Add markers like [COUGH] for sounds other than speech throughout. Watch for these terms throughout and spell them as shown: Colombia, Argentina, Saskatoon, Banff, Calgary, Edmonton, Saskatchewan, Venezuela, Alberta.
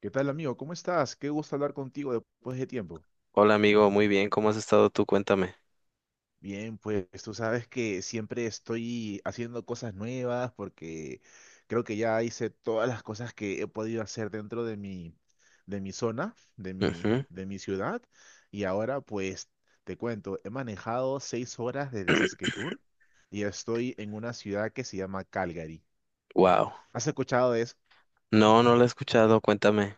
¿Qué tal, amigo? ¿Cómo estás? Qué gusto hablar contigo después de tiempo. Hola amigo, muy bien, ¿cómo has estado tú? Cuéntame. Bien, pues tú sabes que siempre estoy haciendo cosas nuevas porque creo que ya hice todas las cosas que he podido hacer dentro de mi zona, de mi, Ujú. de mi ciudad. Y ahora, pues, te cuento, he manejado 6 horas desde Saskatoon y estoy en una ciudad que se llama Calgary. Wow. ¿Has escuchado de eso? No, no lo he escuchado, cuéntame.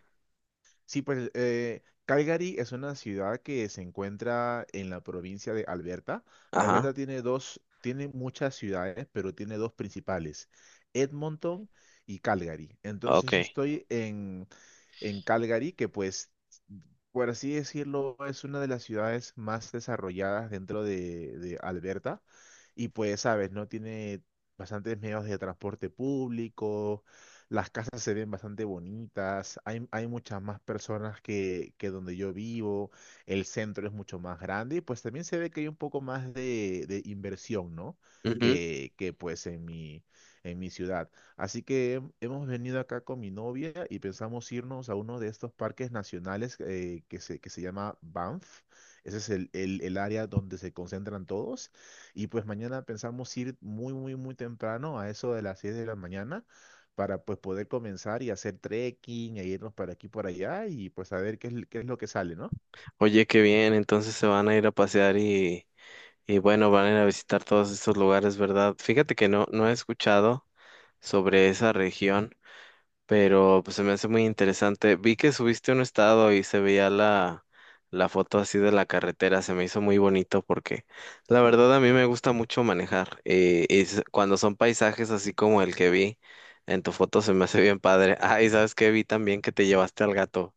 Sí, pues Calgary es una ciudad que se encuentra en la provincia de Alberta. Ajá, Alberta tiene dos, tiene muchas ciudades, pero tiene dos principales, Edmonton y Calgary. Entonces yo ok. estoy en Calgary, que pues, por así decirlo, es una de las ciudades más desarrolladas dentro de Alberta. Y pues, sabes, ¿no? Tiene bastantes medios de transporte público, las casas se ven bastante bonitas, hay muchas más personas que donde yo vivo, el centro es mucho más grande y pues también se ve que hay un poco más de inversión, ¿no? Ujú. Que pues en mi, ciudad. Así que hemos venido acá con mi novia y pensamos irnos a uno de estos parques nacionales que se llama Banff. Ese es el, el área donde se concentran todos. Y pues mañana pensamos ir muy, muy, muy temprano, a eso de las 6 de la mañana, para pues poder comenzar y hacer trekking e irnos para aquí por allá y pues a ver qué es lo que sale, ¿no? Oye, qué bien, entonces se van a ir a pasear y bueno, van a ir a visitar todos estos lugares, ¿verdad? Fíjate que no, no he escuchado sobre esa región. Pero pues se me hace muy interesante. Vi que subiste un estado y se veía la foto así de la carretera, se me hizo muy bonito porque la verdad a mí me gusta mucho manejar y cuando son paisajes así como el que vi en tu foto se me hace bien padre. Ah, y sabes que vi también que te llevaste al gato.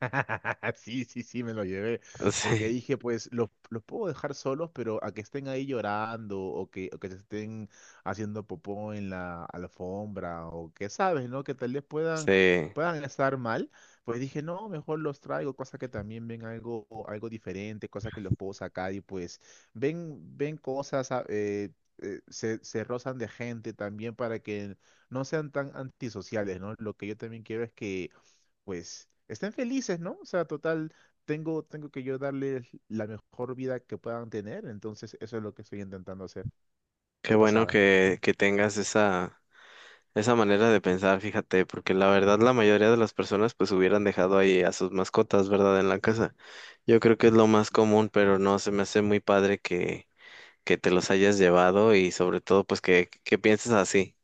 [LAUGHS] Sí, sí, sí, me lo llevé. [LAUGHS] Porque Sí, dije, pues, los puedo dejar solos, pero a que estén ahí llorando o que se estén haciendo popó en la alfombra o que sabes, ¿no? Que tal vez puedan, sí, puedan estar mal. Pues dije, no, mejor los traigo, cosa que también ven algo diferente, cosas que los puedo sacar y pues ven cosas, se rozan de gente también para que no sean tan antisociales, ¿no? Lo que yo también quiero es que pues estén felices, ¿no? O sea, total, tengo que yo darles la mejor vida que puedan tener, entonces eso es lo que estoy intentando hacer qué de bueno pasada. Que tengas esa esa manera de pensar, fíjate, porque la verdad la mayoría de las personas pues hubieran dejado ahí a sus mascotas, ¿verdad? En la casa. Yo creo que es lo más común, pero no, se me hace muy padre que te los hayas llevado y sobre todo pues que pienses así.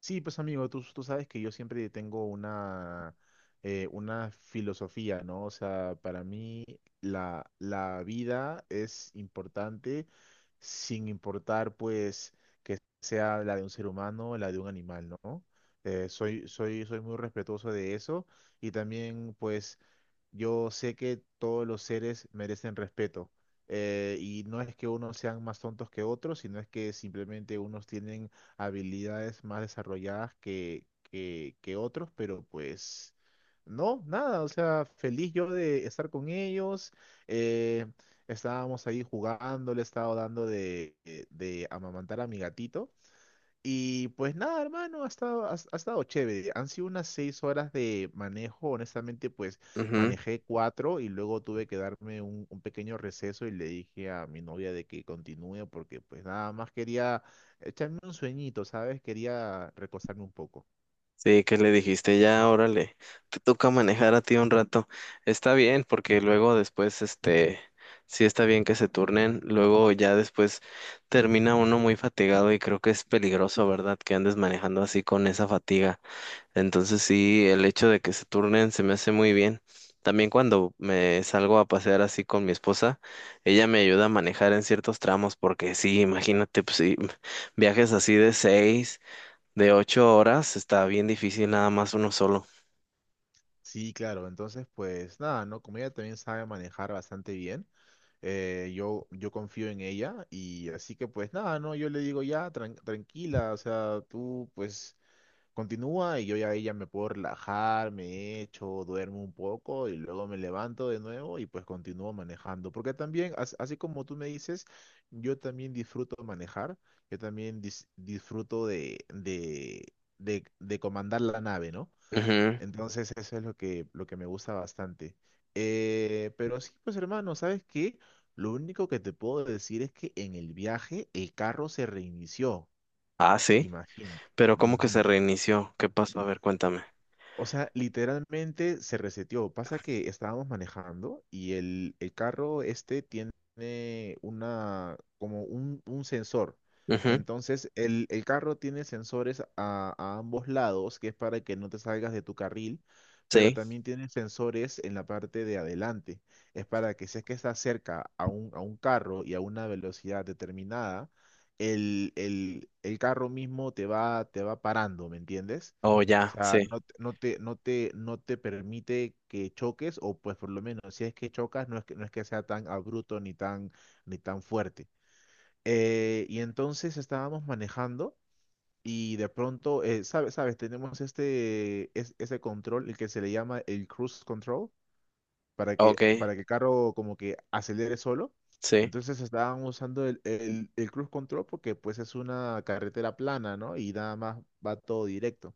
Sí, pues amigo, tú sabes que yo siempre tengo una filosofía, ¿no? O sea, para mí la vida es importante sin importar, pues, que sea la de un ser humano o la de un animal, ¿no? Soy muy respetuoso de eso y también, pues, yo sé que todos los seres merecen respeto. Y no es que unos sean más tontos que otros, sino es que simplemente unos tienen habilidades más desarrolladas que otros, pero pues no, nada. O sea, feliz yo de estar con ellos. eh, Estábamos ahí jugando, le estaba dando de amamantar a mi gatito. Y pues nada, hermano, ha estado chévere. Han sido unas 6 horas de manejo. Honestamente, pues Ujú. manejé cuatro y luego tuve que darme un pequeño receso y le dije a mi novia de que continúe porque pues nada más quería echarme un sueñito, ¿sabes? Quería recostarme un poco. Sí, que le dijiste, ya, órale, te toca manejar a ti un rato. Está bien, porque luego después, este, sí está bien que se turnen, luego ya después termina uno muy fatigado y creo que es peligroso, ¿verdad? Que andes manejando así con esa fatiga. Entonces sí, el hecho de que se turnen se me hace muy bien. También cuando me salgo a pasear así con mi esposa, ella me ayuda a manejar en ciertos tramos, porque sí, imagínate, pues sí, viajes así de seis. De ocho horas está bien difícil nada más uno solo. Sí, claro. Entonces, pues nada, ¿no? Como ella también sabe manejar bastante bien, yo confío en ella y así que pues nada, ¿no? Yo le digo ya, tranquila, o sea, tú pues. Continúa y yo ya ahí ya me puedo relajar, me echo, duermo un poco y luego me levanto de nuevo y pues continúo manejando. Porque también, así como tú me dices, yo también disfruto manejar, yo también disfruto de comandar la nave, ¿no? Ujú. Entonces eso es lo que me gusta bastante. Pero sí, pues hermano, ¿sabes qué? Lo único que te puedo decir es que en el viaje el carro se reinició, Ah, sí. imagínate. Pero ¿cómo que se Ujú. reinició? ¿Qué pasó? A ver, cuéntame. O sea, literalmente se reseteó. Pasa que estábamos manejando y el carro este tiene como un sensor. Ujú. Entonces, el carro tiene sensores a ambos lados, que es para que no te salgas de tu carril, pero Sí. también tiene sensores en la parte de adelante. Es para que si es que estás cerca a un, carro y a una velocidad determinada, el carro mismo te va parando, ¿me entiendes? Oh, O ya, sea, sí. no, no te permite que choques, o pues por lo menos si es que chocas, no es que sea tan abrupto ni tan fuerte. Y entonces estábamos manejando y de pronto, sabes, tenemos ese control, el que se le llama el cruise control, para Ok, que, para que el carro como que acelere solo. sí, Entonces estábamos usando el cruise control porque pues es una carretera plana, ¿no? Y nada más va todo directo.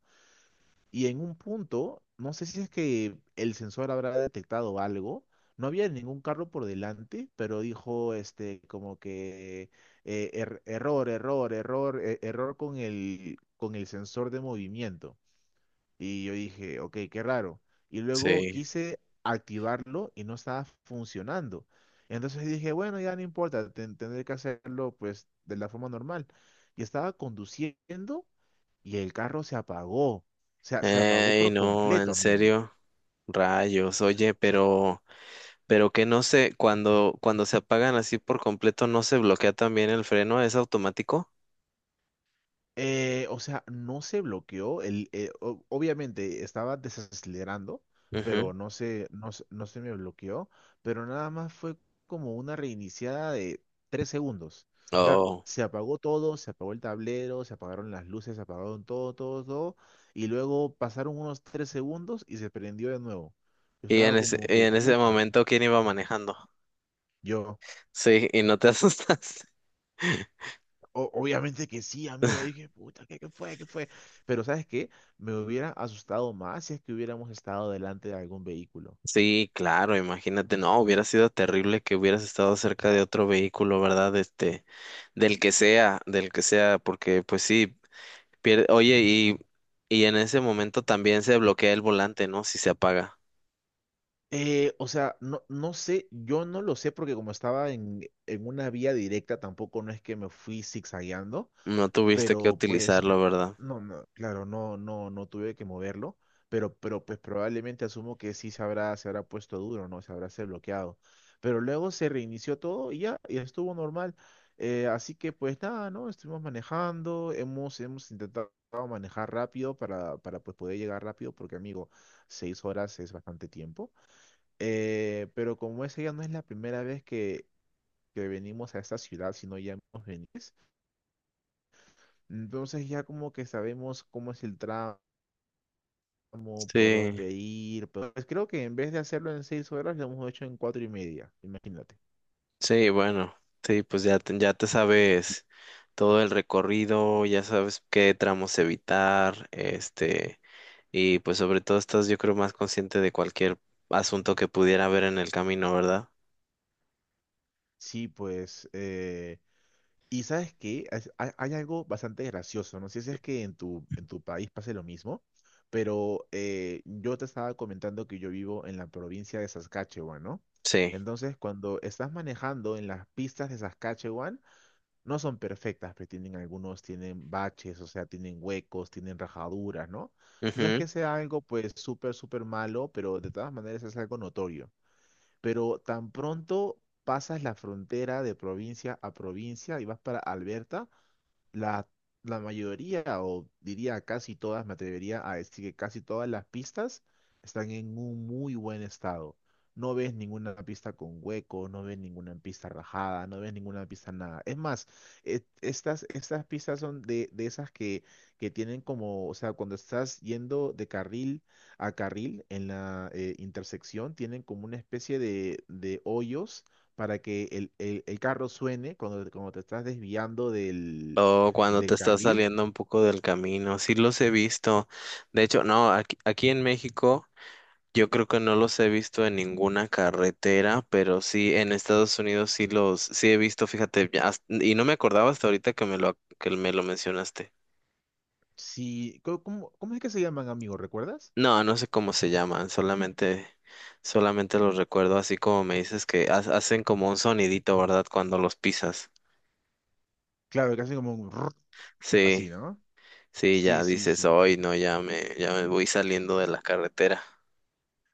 Y en un punto, no sé si es que el sensor habrá detectado algo, no había ningún carro por delante, pero dijo como que error, error, error, error con con el sensor de movimiento. Y yo dije, ok, qué raro. Y luego sí. quise activarlo y no estaba funcionando. Entonces dije, bueno, ya no importa, tendré que hacerlo pues de la forma normal. Y estaba conduciendo y el carro se apagó. O sea, se apagó Ey, por no, completo, en amigo. Serio. Rayos, oye, sea, pero que no sé, cuando se apagan así por completo, ¿no se bloquea también el freno? ¿Es automático? o sea, no se bloqueó. Obviamente estaba desacelerando, Ujú. pero no se me bloqueó. Pero nada más fue como una reiniciada de 3 segundos. O sea, Oh. se apagó todo, se apagó el tablero, se apagaron las luces, se apagaron todo, todo, todo. Y luego pasaron unos 3 segundos y se prendió de nuevo. Yo estaba como Y que, en ese pucha. momento, ¿quién iba manejando? Yo. Sí, y no te [LAUGHS] asustas. Obviamente que sí, amigo. Dije, puta, ¿qué fue? ¿Qué fue? Pero ¿sabes qué? Me hubiera asustado más si es que hubiéramos estado delante de algún vehículo. Sí, claro, imagínate, no, hubiera sido terrible que hubieras estado cerca de otro vehículo, ¿verdad? Este, del que sea, porque pues sí, pierde, oye, y en ese momento también se bloquea el volante, ¿no? Si se apaga. O sea, no sé, yo no lo sé porque como estaba en, una vía directa, tampoco no es que me fui zigzagueando, No tuviste que pero pues. utilizarlo, ¿verdad? No, no, claro, no, no, no tuve que moverlo, pero pues probablemente asumo que sí se habrá puesto duro, ¿no? Se habrá se bloqueado. Pero luego se reinició todo y ya, y estuvo normal. Así que pues nada, ¿no? Estuvimos manejando, hemos intentado manejar rápido para pues poder llegar rápido, porque amigo, 6 horas es bastante tiempo. Pero como esa ya no es la primera vez que venimos a esta ciudad, sino ya hemos venido. Entonces ya como que sabemos cómo es el tramo como por Sí, dónde ir, pero pues creo que en vez de hacerlo en 6 horas, lo hemos hecho en cuatro y media, imagínate. sí, bueno, sí, pues ya te sabes todo el recorrido, ya sabes qué tramos evitar, este. Y pues sobre todo estás, yo creo, más consciente de cualquier asunto que pudiera haber en el camino, ¿verdad? Sí, pues, y sabes que hay algo bastante gracioso, no sé si es que en tu país pase lo mismo, pero yo te estaba comentando que yo vivo en la provincia de Saskatchewan, ¿no? Sí. Entonces, cuando estás manejando en las pistas de Saskatchewan, no son perfectas, pero tienen baches, o sea, tienen huecos, tienen rajaduras, ¿no? No es Ujú. que sea algo pues súper, súper malo, pero de todas maneras es algo notorio. Pero tan pronto pasas la frontera de provincia a provincia y vas para Alberta, la, la mayoría, o diría casi todas, me atrevería a decir que casi todas las pistas están en un muy buen estado. No ves ninguna pista con hueco, no ves ninguna pista rajada, no ves ninguna pista nada. Es más, estas pistas son de esas que tienen como, o sea, cuando estás yendo de carril a carril en la intersección, tienen como una especie de hoyos para que el carro suene cuando te estás desviando del, O cuando te del estás carril. saliendo un poco del camino. Sí los he visto. De hecho, no, aquí, aquí en México yo creo que no los he visto en ninguna carretera, pero sí en Estados Unidos sí los, sí he visto, fíjate, ya hasta- y no me acordaba hasta ahorita que me lo mencionaste. Sí, ¿cómo es que se llaman, amigo? ¿Recuerdas? No, no sé cómo se llaman, solamente, solamente los recuerdo así como me dices que hacen como un sonidito, ¿verdad? Cuando los pisas. Claro, que hacen como un rrr, así, Sí, ¿no? sí, Sí, ya sí, dices, sí. hoy no, ya me voy saliendo de la carretera.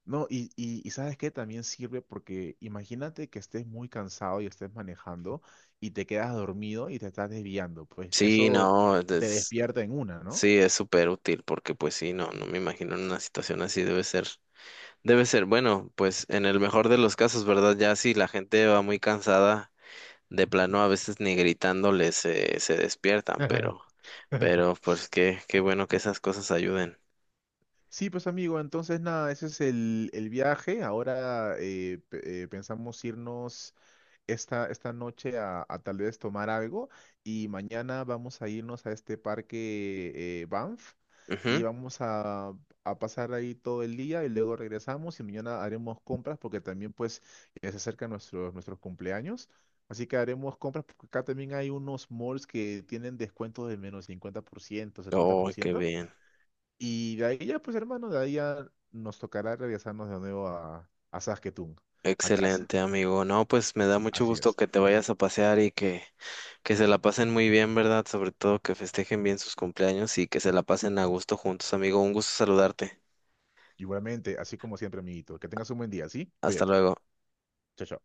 No, y ¿sabes qué? También sirve porque imagínate que estés muy cansado y estés manejando y te quedas dormido y te estás desviando. Pues Sí, eso no, te es- despierta en una, ¿no? sí, es súper útil porque pues sí, no, no me imagino en una situación así debe ser, bueno, pues en el mejor de los casos, ¿verdad? Ya si la gente va muy cansada de plano a veces ni gritándoles se, se despiertan, [LAUGHS] pero pues qué, qué bueno que esas cosas ayuden. Sí, pues amigo, entonces nada, ese es el viaje. Ahora pensamos irnos esta noche a tal vez tomar algo y mañana vamos a irnos a este parque Banff y Ujú. vamos a pasar ahí todo el día y luego regresamos y mañana haremos compras porque también pues ya se acercan nuestros cumpleaños. Así que haremos compras porque acá también hay unos malls que tienen descuentos de menos 50%, setenta por Oh, qué ciento bien. Y de ahí ya pues hermano, de ahí ya nos tocará regresarnos de nuevo a Saskatoon, a casa. Excelente, amigo. No, pues me da mucho Así gusto es. que te vayas a pasear que se la pasen muy bien, ¿verdad? Sobre todo que festejen bien sus cumpleaños y que se la pasen a gusto juntos, amigo. Un gusto saludarte. Igualmente, así como siempre, amiguito. Que tengas un buen día, ¿sí? Hasta Cuídate. luego. Chao, chao.